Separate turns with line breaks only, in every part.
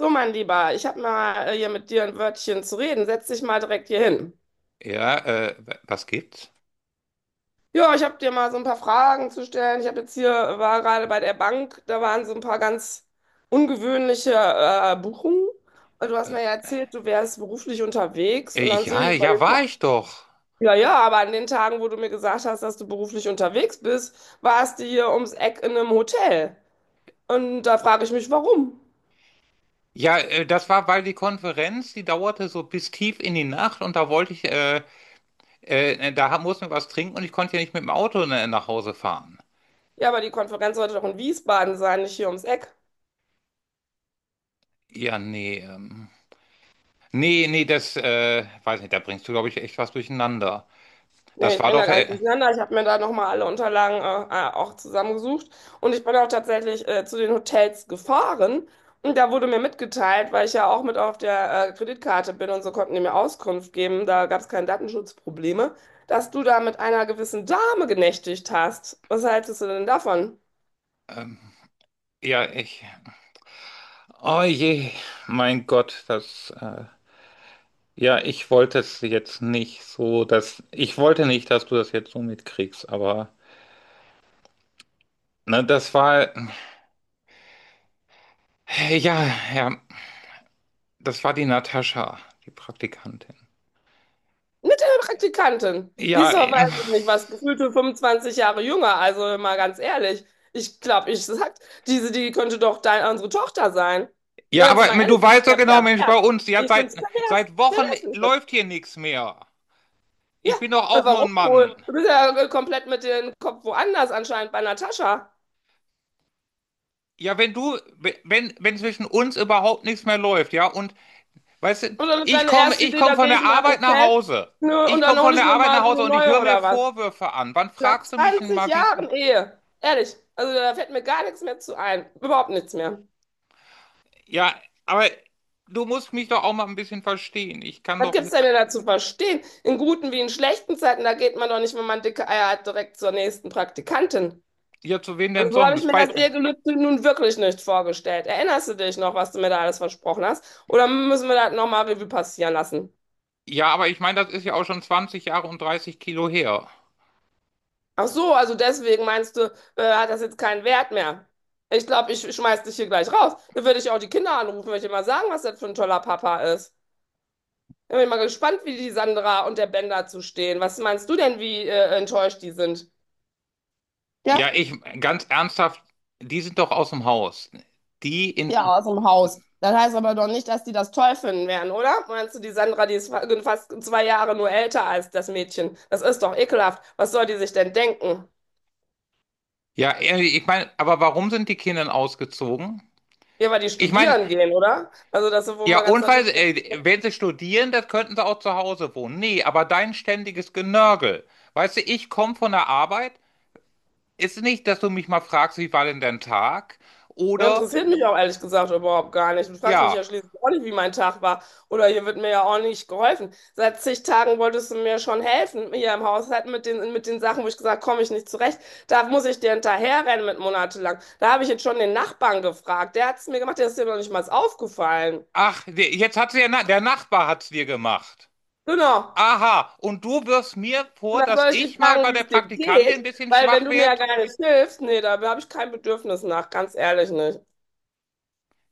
So, mein Lieber, ich habe mal hier mit dir ein Wörtchen zu reden. Setz dich mal direkt hier hin.
Ja, was gibt's?
Ja, ich habe dir mal so ein paar Fragen zu stellen. Ich habe jetzt hier, war gerade bei der Bank, da waren so ein paar ganz ungewöhnliche Buchungen. Und du hast
Äh,
mir ja erzählt, du wärst beruflich unterwegs. Und dann sehe
ja,
ich bei den
ja, war ich doch.
Ja, ja, aber an den Tagen, wo du mir gesagt hast, dass du beruflich unterwegs bist, warst du hier ums Eck in einem Hotel. Und da frage ich mich, warum?
Ja, das war, weil die Konferenz, die dauerte so bis tief in die Nacht, und da wollte ich, mussten wir was trinken, und ich konnte ja nicht mit dem Auto nach Hause fahren.
Ja, aber die Konferenz sollte doch in Wiesbaden sein, nicht hier ums Eck.
Ja, nee, nee, nee, das, weiß nicht, da bringst du, glaube ich, echt was durcheinander.
Nee,
Das
ich
war
bin da
doch,
gar nichts
äh,
durcheinander. Ich habe mir da nochmal alle Unterlagen auch zusammengesucht. Und ich bin auch tatsächlich zu den Hotels gefahren. Und da wurde mir mitgeteilt, weil ich ja auch mit auf der Kreditkarte bin und so konnten die mir Auskunft geben, da gab es keine Datenschutzprobleme, dass du da mit einer gewissen Dame genächtigt hast. Was hältst du denn davon?
ähm, ja, oh je, mein Gott, ja, ich wollte es jetzt nicht so, dass, ich wollte nicht, dass du das jetzt so mitkriegst, aber. Na, das war, ja, ja, das war die Natascha, die Praktikantin.
Mit einer Praktikantin. Die
Ja,
ist doch,
äh,
weiß ich nicht, was, gefühlte 25 Jahre jünger. Also mal ganz ehrlich. Ich glaube, ich sag, diese, die könnte doch dein, unsere Tochter sein.
ja,
Ganz
aber
mal ehrlich,
du
das ist
weißt
ja
doch genau, Mensch, bei
pervers.
uns, die hat
Ich finde
seit,
es pervers.
seit Wochen
Pervers finde ich das.
läuft hier nichts mehr.
Ja,
Ich bin doch auch nur
warum
ein Mann.
wohl? Du bist ja komplett mit dem Kopf woanders anscheinend bei Natascha.
Ja, wenn du, wenn, wenn zwischen uns überhaupt nichts mehr läuft, ja, und weißt du,
Und dann ist deine erste
ich
Idee,
komme
da
von
gehe ich
der
mal im
Arbeit nach
Hotel,
Hause.
ne, und
Ich
dann
komme
hole
von
ich
der
mir
Arbeit nach
mal so
Hause,
eine
und ich
neue
höre mir
oder was.
Vorwürfe an. Wann
Nach
fragst du mich denn
20
mal, wie es.
Jahren Ehe. Ehrlich. Also da fällt mir gar nichts mehr zu ein. Überhaupt nichts mehr.
Ja, aber du musst mich doch auch mal ein bisschen verstehen. Ich kann
Was
doch
gibt's denn
jetzt.
da zu verstehen? In guten wie in schlechten Zeiten, da geht man doch nicht, wenn man dicke Eier hat, direkt zur nächsten Praktikantin.
Ja, zu wem denn
Also so habe ich
sonst?
mir das
Bald.
Ehegelübde nun wirklich nicht vorgestellt. Erinnerst du dich noch, was du mir da alles versprochen hast? Oder müssen wir das nochmal Revue passieren lassen?
Ja, aber ich meine, das ist ja auch schon 20 Jahre und dreißig Kilo her.
Ach so, also deswegen meinst du, hat das jetzt keinen Wert mehr? Ich glaube, ich schmeiß dich hier gleich raus. Dann würde ich auch die Kinder anrufen, würde ich mal sagen, was das für ein toller Papa ist. Dann bin ich mal gespannt, wie die Sandra und der Ben dazu stehen. Was meinst du denn, wie enttäuscht die sind?
Ja,
Ja?
ich, ganz ernsthaft, die sind doch aus dem Haus. Die in.
Ja, aus dem Haus. Das heißt aber doch nicht, dass die das toll finden werden, oder? Meinst du, die Sandra, die ist fast 2 Jahre nur älter als das Mädchen? Das ist doch ekelhaft. Was soll die sich denn denken?
Ja, ich meine, aber warum sind die Kinder ausgezogen?
Ja, weil die
Ich meine,
studieren gehen, oder? Also, das ist wohl mal
ja,
ganz
und weil,
natürlich.
sie- äh, wenn sie studieren, das könnten sie auch zu Hause wohnen. Nee, aber dein ständiges Genörgel. Weißt du, ich komme von der Arbeit. Ist nicht, dass du mich mal fragst, wie war denn dein Tag?
Ja,
Oder,
interessiert mich auch ehrlich gesagt überhaupt gar nicht. Du fragst mich
ja,
ja schließlich auch nicht, wie mein Tag war. Oder hier wird mir ja auch nicht geholfen. Seit zig Tagen wolltest du mir schon helfen, hier im Haushalt mit den Sachen, wo ich gesagt komme ich nicht zurecht. Da muss ich dir hinterherrennen mit monatelang. Da habe ich jetzt schon den Nachbarn gefragt. Der hat es mir gemacht, der ist dir noch nicht mal aufgefallen.
ach, jetzt hat sie ja, der Nachbar hat's dir gemacht.
Genau.
Aha, und du wirfst mir
Und
vor,
dann
dass
soll ich dich
ich mal
fragen,
bei
wie
der
es dir
Praktikantin ein
geht,
bisschen
weil wenn
schwach
du mir ja
werd?
gar nicht hilfst, nee, da habe ich kein Bedürfnis nach, ganz ehrlich nicht.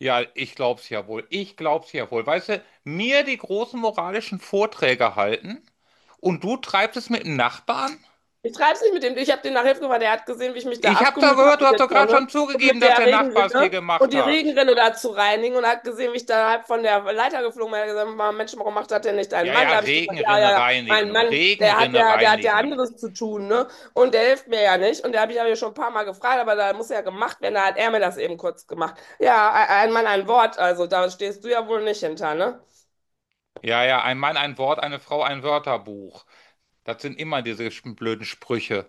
Ja, ich glaub's ja wohl. Ich glaub's ja wohl. Weißt du, mir die großen moralischen Vorträge halten und du treibst es mit dem Nachbarn?
Ich treibe es nicht mit dem. Ich habe den nach Hilfe gefahren. Der hat gesehen, wie ich mich da
Ich hab da
abgemüht habe
gehört, du
mit
hast
der
doch gerade
Tonne
schon
und
zugegeben,
mit
dass
der
der Nachbar es dir
Regenrinne
gemacht
und die
hat.
Regenrinne da zu reinigen und hat gesehen, wie ich da halb von der Leiter geflogen bin. Er hat gesagt: Mensch, warum macht das denn nicht ein
Ja,
Mann?"
ja,
Da habe ich gesagt, ja, ja,
Regenrinne
ja, ein
reinigen,
Mann, der hat
Regenrinne
ja, der hat ja
reinigen.
anderes zu tun, ne? Und der hilft mir ja nicht. Und da habe ich ja schon ein paar Mal gefragt, aber da muss ja gemacht werden. Da hat er mir das eben kurz gemacht. Ja, ein Mann, ein Wort. Also da stehst du ja wohl nicht hinter, ne?
Ja, ja, ein Mann, ein Wort, eine Frau, ein Wörterbuch. Das sind immer diese blöden Sprüche.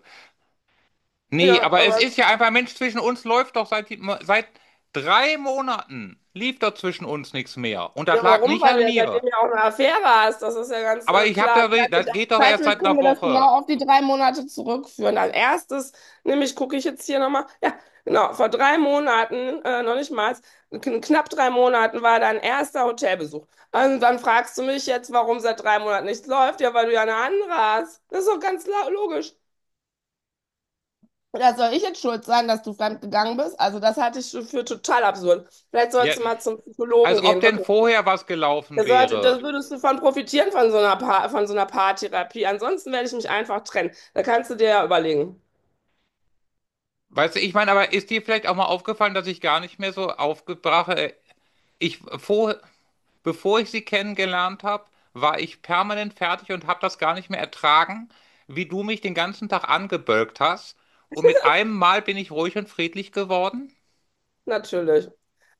Nee,
Ja,
aber es
aber
ist ja einfach, Mensch, zwischen uns läuft doch seit drei Monaten, lief doch zwischen uns nichts mehr. Und das
ja,
lag
warum?
nicht
Weil du
an
ja seitdem
mir.
ja auch eine Affäre hast. Das ist ja ganz
Aber ich hab
klar.
da, das
Zeitlich,
geht doch erst
zeitlich
seit
können
einer
wir das
Woche.
genau auf die 3 Monate zurückführen. Als erstes, nämlich gucke ich jetzt hier nochmal, ja, genau, vor 3 Monaten, noch nicht mal, knapp 3 Monaten war dein erster Hotelbesuch. Und dann fragst du mich jetzt, warum seit 3 Monaten nichts läuft. Ja, weil du ja eine andere hast. Das ist doch ganz logisch. Ja, soll ich jetzt schuld sein, dass du fremd gegangen bist? Also das halte ich für total absurd. Vielleicht sollst du
Jetten.
mal zum Psychologen
Als ob
gehen,
denn
wirklich.
vorher was gelaufen
Das sollte, da
wäre.
würdest du von profitieren, von so einer Paartherapie. Ansonsten werde ich mich einfach trennen. Da kannst du dir ja überlegen.
Weißt du, ich meine, aber ist dir vielleicht auch mal aufgefallen, dass ich gar nicht mehr so aufgebracht, äh, ich vor, Bevor ich sie kennengelernt habe, war ich permanent fertig und habe das gar nicht mehr ertragen, wie du mich den ganzen Tag angebölkt hast. Und mit einem Mal bin ich ruhig und friedlich geworden.
Natürlich.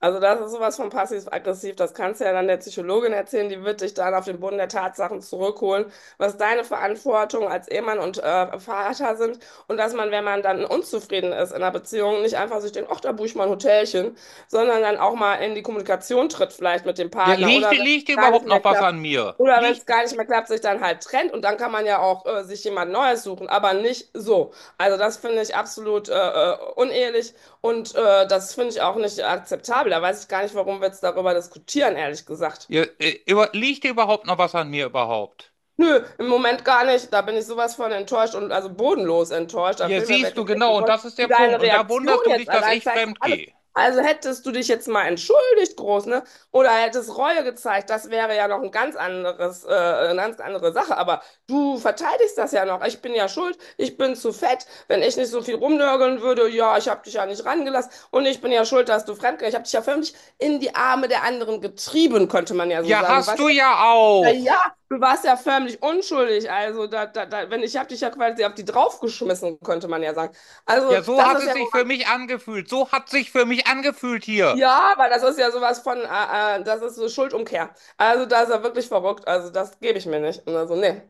Also das ist sowas von passiv-aggressiv. Das kannst du ja dann der Psychologin erzählen, die wird dich dann auf den Boden der Tatsachen zurückholen, was deine Verantwortung als Ehemann und Vater sind, und dass man, wenn man dann unzufrieden ist in einer Beziehung, nicht einfach sich denkt, ach, da buche ich mal ein Hotelchen, sondern dann auch mal in die Kommunikation tritt vielleicht mit dem
Ja,
Partner oder wenn
liegt dir
es gar nicht
überhaupt
mehr
noch was
klappt.
an mir?
Oder wenn es gar nicht mehr klappt, sich dann halt trennt und dann kann man ja auch sich jemand Neues suchen, aber nicht so. Also das finde ich absolut unehelich. Und das finde ich auch nicht akzeptabel. Da weiß ich gar nicht, warum wir jetzt darüber diskutieren, ehrlich gesagt.
Liegt dir überhaupt noch was an mir überhaupt?
Nö, im Moment gar nicht. Da bin ich sowas von enttäuscht und also bodenlos enttäuscht. Da
Ja,
fehlen mir
siehst
wirklich
du
echt die
genau, und
Worte.
das ist der
Und deine
Punkt. Und da
Reaktion
wunderst du dich,
jetzt
dass
allein
ich
zeigt doch
fremd
alles.
gehe.
Also hättest du dich jetzt mal entschuldigt, groß, ne? Oder hättest Reue gezeigt, das wäre ja noch ein ganz anderes, eine ganz andere Sache. Aber du verteidigst das ja noch. Ich bin ja schuld, ich bin zu fett. Wenn ich nicht so viel rumnörgeln würde, ja, ich habe dich ja nicht rangelassen. Und ich bin ja schuld, dass du fremdgegangen. Ich habe dich ja förmlich in die Arme der anderen getrieben, könnte man ja so
Ja,
sagen. Du
hast
weißt,
du ja
na
auch.
ja, du warst ja förmlich unschuldig. Also, da, wenn ich habe dich ja quasi auf die draufgeschmissen, könnte man ja sagen. Also,
Ja, so
das
hat
ist
es
ja,
sich für mich angefühlt. So hat es sich für mich angefühlt hier.
ja, aber das ist ja sowas von, das ist so Schuldumkehr. Also, da ist er wirklich verrückt. Also, das gebe ich mir nicht. Und also, nee.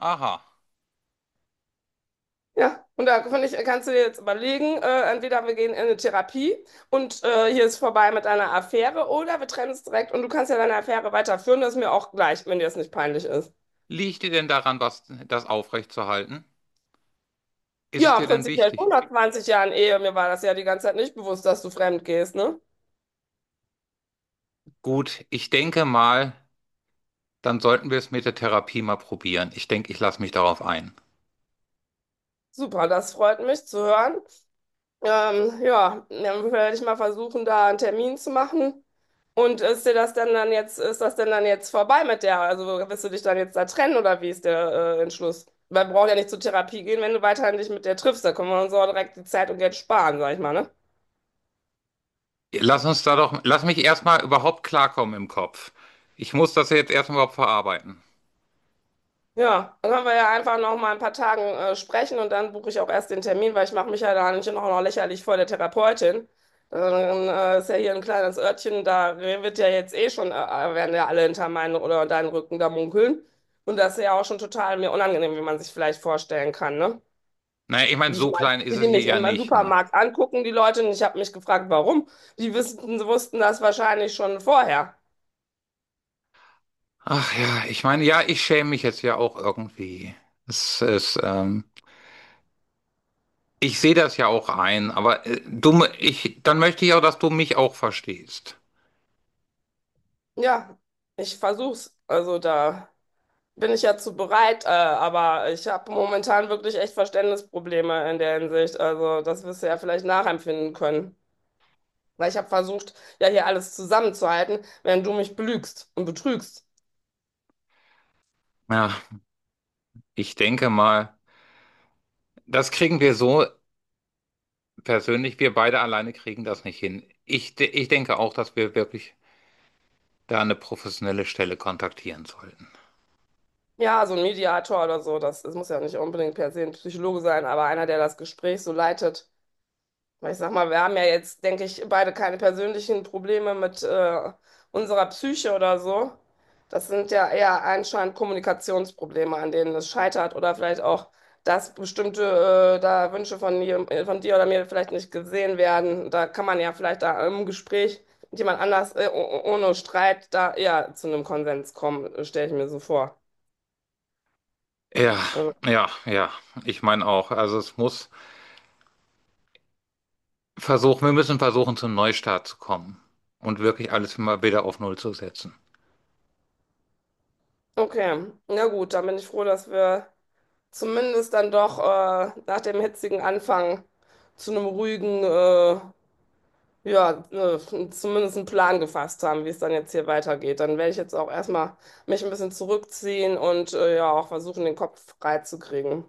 Aha.
Ja, und da finde ich, kannst du dir jetzt überlegen, entweder wir gehen in eine Therapie und hier ist vorbei mit einer Affäre oder wir trennen es direkt und du kannst ja deine Affäre weiterführen. Das ist mir auch gleich, wenn dir das nicht peinlich ist.
Liegt dir denn daran, was, das aufrechtzuerhalten? Ist es
Ja,
dir denn
prinzipiell schon
wichtig?
nach 20 Jahren Ehe. Mir war das ja die ganze Zeit nicht bewusst, dass du fremd gehst, ne?
Gut, ich denke mal, dann sollten wir es mit der Therapie mal probieren. Ich denke, ich lasse mich darauf ein.
Super, das freut mich zu hören. Ja, dann werde ich mal versuchen, da einen Termin zu machen. Und ist das denn dann jetzt vorbei mit der? Also wirst du dich dann jetzt da trennen oder wie ist der Entschluss? Weil wir ja nicht zur Therapie gehen, wenn du weiterhin dich mit der triffst. Da können wir uns auch direkt die Zeit und Geld sparen, sag ich mal, ne?
Lass uns da doch, lass mich erstmal überhaupt klarkommen im Kopf. Ich muss das jetzt erstmal überhaupt verarbeiten.
Ja, dann können wir ja einfach noch mal ein paar Tagen sprechen und dann buche ich auch erst den Termin, weil ich mache mich ja da nicht noch lächerlich vor der Therapeutin. Dann ist ja hier ein kleines Örtchen, da wird ja jetzt eh schon, werden ja alle hinter meinen oder deinen Rücken da munkeln. Und das ist ja auch schon total mir unangenehm, wie man sich vielleicht vorstellen kann, ne?
Naja, ich meine,
Die ich
so
mal,
klein ist
wie
es
die
hier
mich
ja
im
nicht, ne?
Supermarkt angucken, die Leute, und ich habe mich gefragt, warum. Die wissen, wussten das wahrscheinlich schon vorher.
Ach ja, ich meine, ja, ich schäme mich jetzt ja auch irgendwie. Es ist, ich sehe das ja auch ein, aber du, ich, dann möchte ich auch, dass du mich auch verstehst.
Ja, ich versuch's. Also da, bin ich ja zu bereit, aber ich habe momentan wirklich echt Verständnisprobleme in der Hinsicht. Also das wirst du ja vielleicht nachempfinden können. Weil ich habe versucht, ja hier alles zusammenzuhalten, während du mich belügst und betrügst.
Ja, ich denke mal. Das kriegen wir so persönlich. Wir beide alleine kriegen das nicht hin. Ich denke auch, dass wir wirklich da eine professionelle Stelle kontaktieren sollten.
Ja, so ein Mediator oder so, das muss ja nicht unbedingt per se ein Psychologe sein, aber einer, der das Gespräch so leitet. Ich sag mal, wir haben ja jetzt, denke ich, beide keine persönlichen Probleme mit unserer Psyche oder so. Das sind ja eher anscheinend Kommunikationsprobleme, an denen es scheitert oder vielleicht auch, dass bestimmte da Wünsche von dir oder mir vielleicht nicht gesehen werden. Da kann man ja vielleicht da im Gespräch mit jemand anders ohne Streit da eher zu einem Konsens kommen, stelle ich mir so vor.
Ja,
Also,
ja, ja. Ich meine auch. Also es muss versuchen, wir müssen versuchen, zum Neustart zu kommen und wirklich alles mal wieder auf Null zu setzen.
okay, na gut, dann bin ich froh, dass wir zumindest dann doch nach dem hitzigen Anfang zu einem ruhigen, ja, zumindest einen Plan gefasst haben, wie es dann jetzt hier weitergeht. Dann werde ich jetzt auch erstmal mich ein bisschen zurückziehen und ja, auch versuchen, den Kopf frei zu kriegen.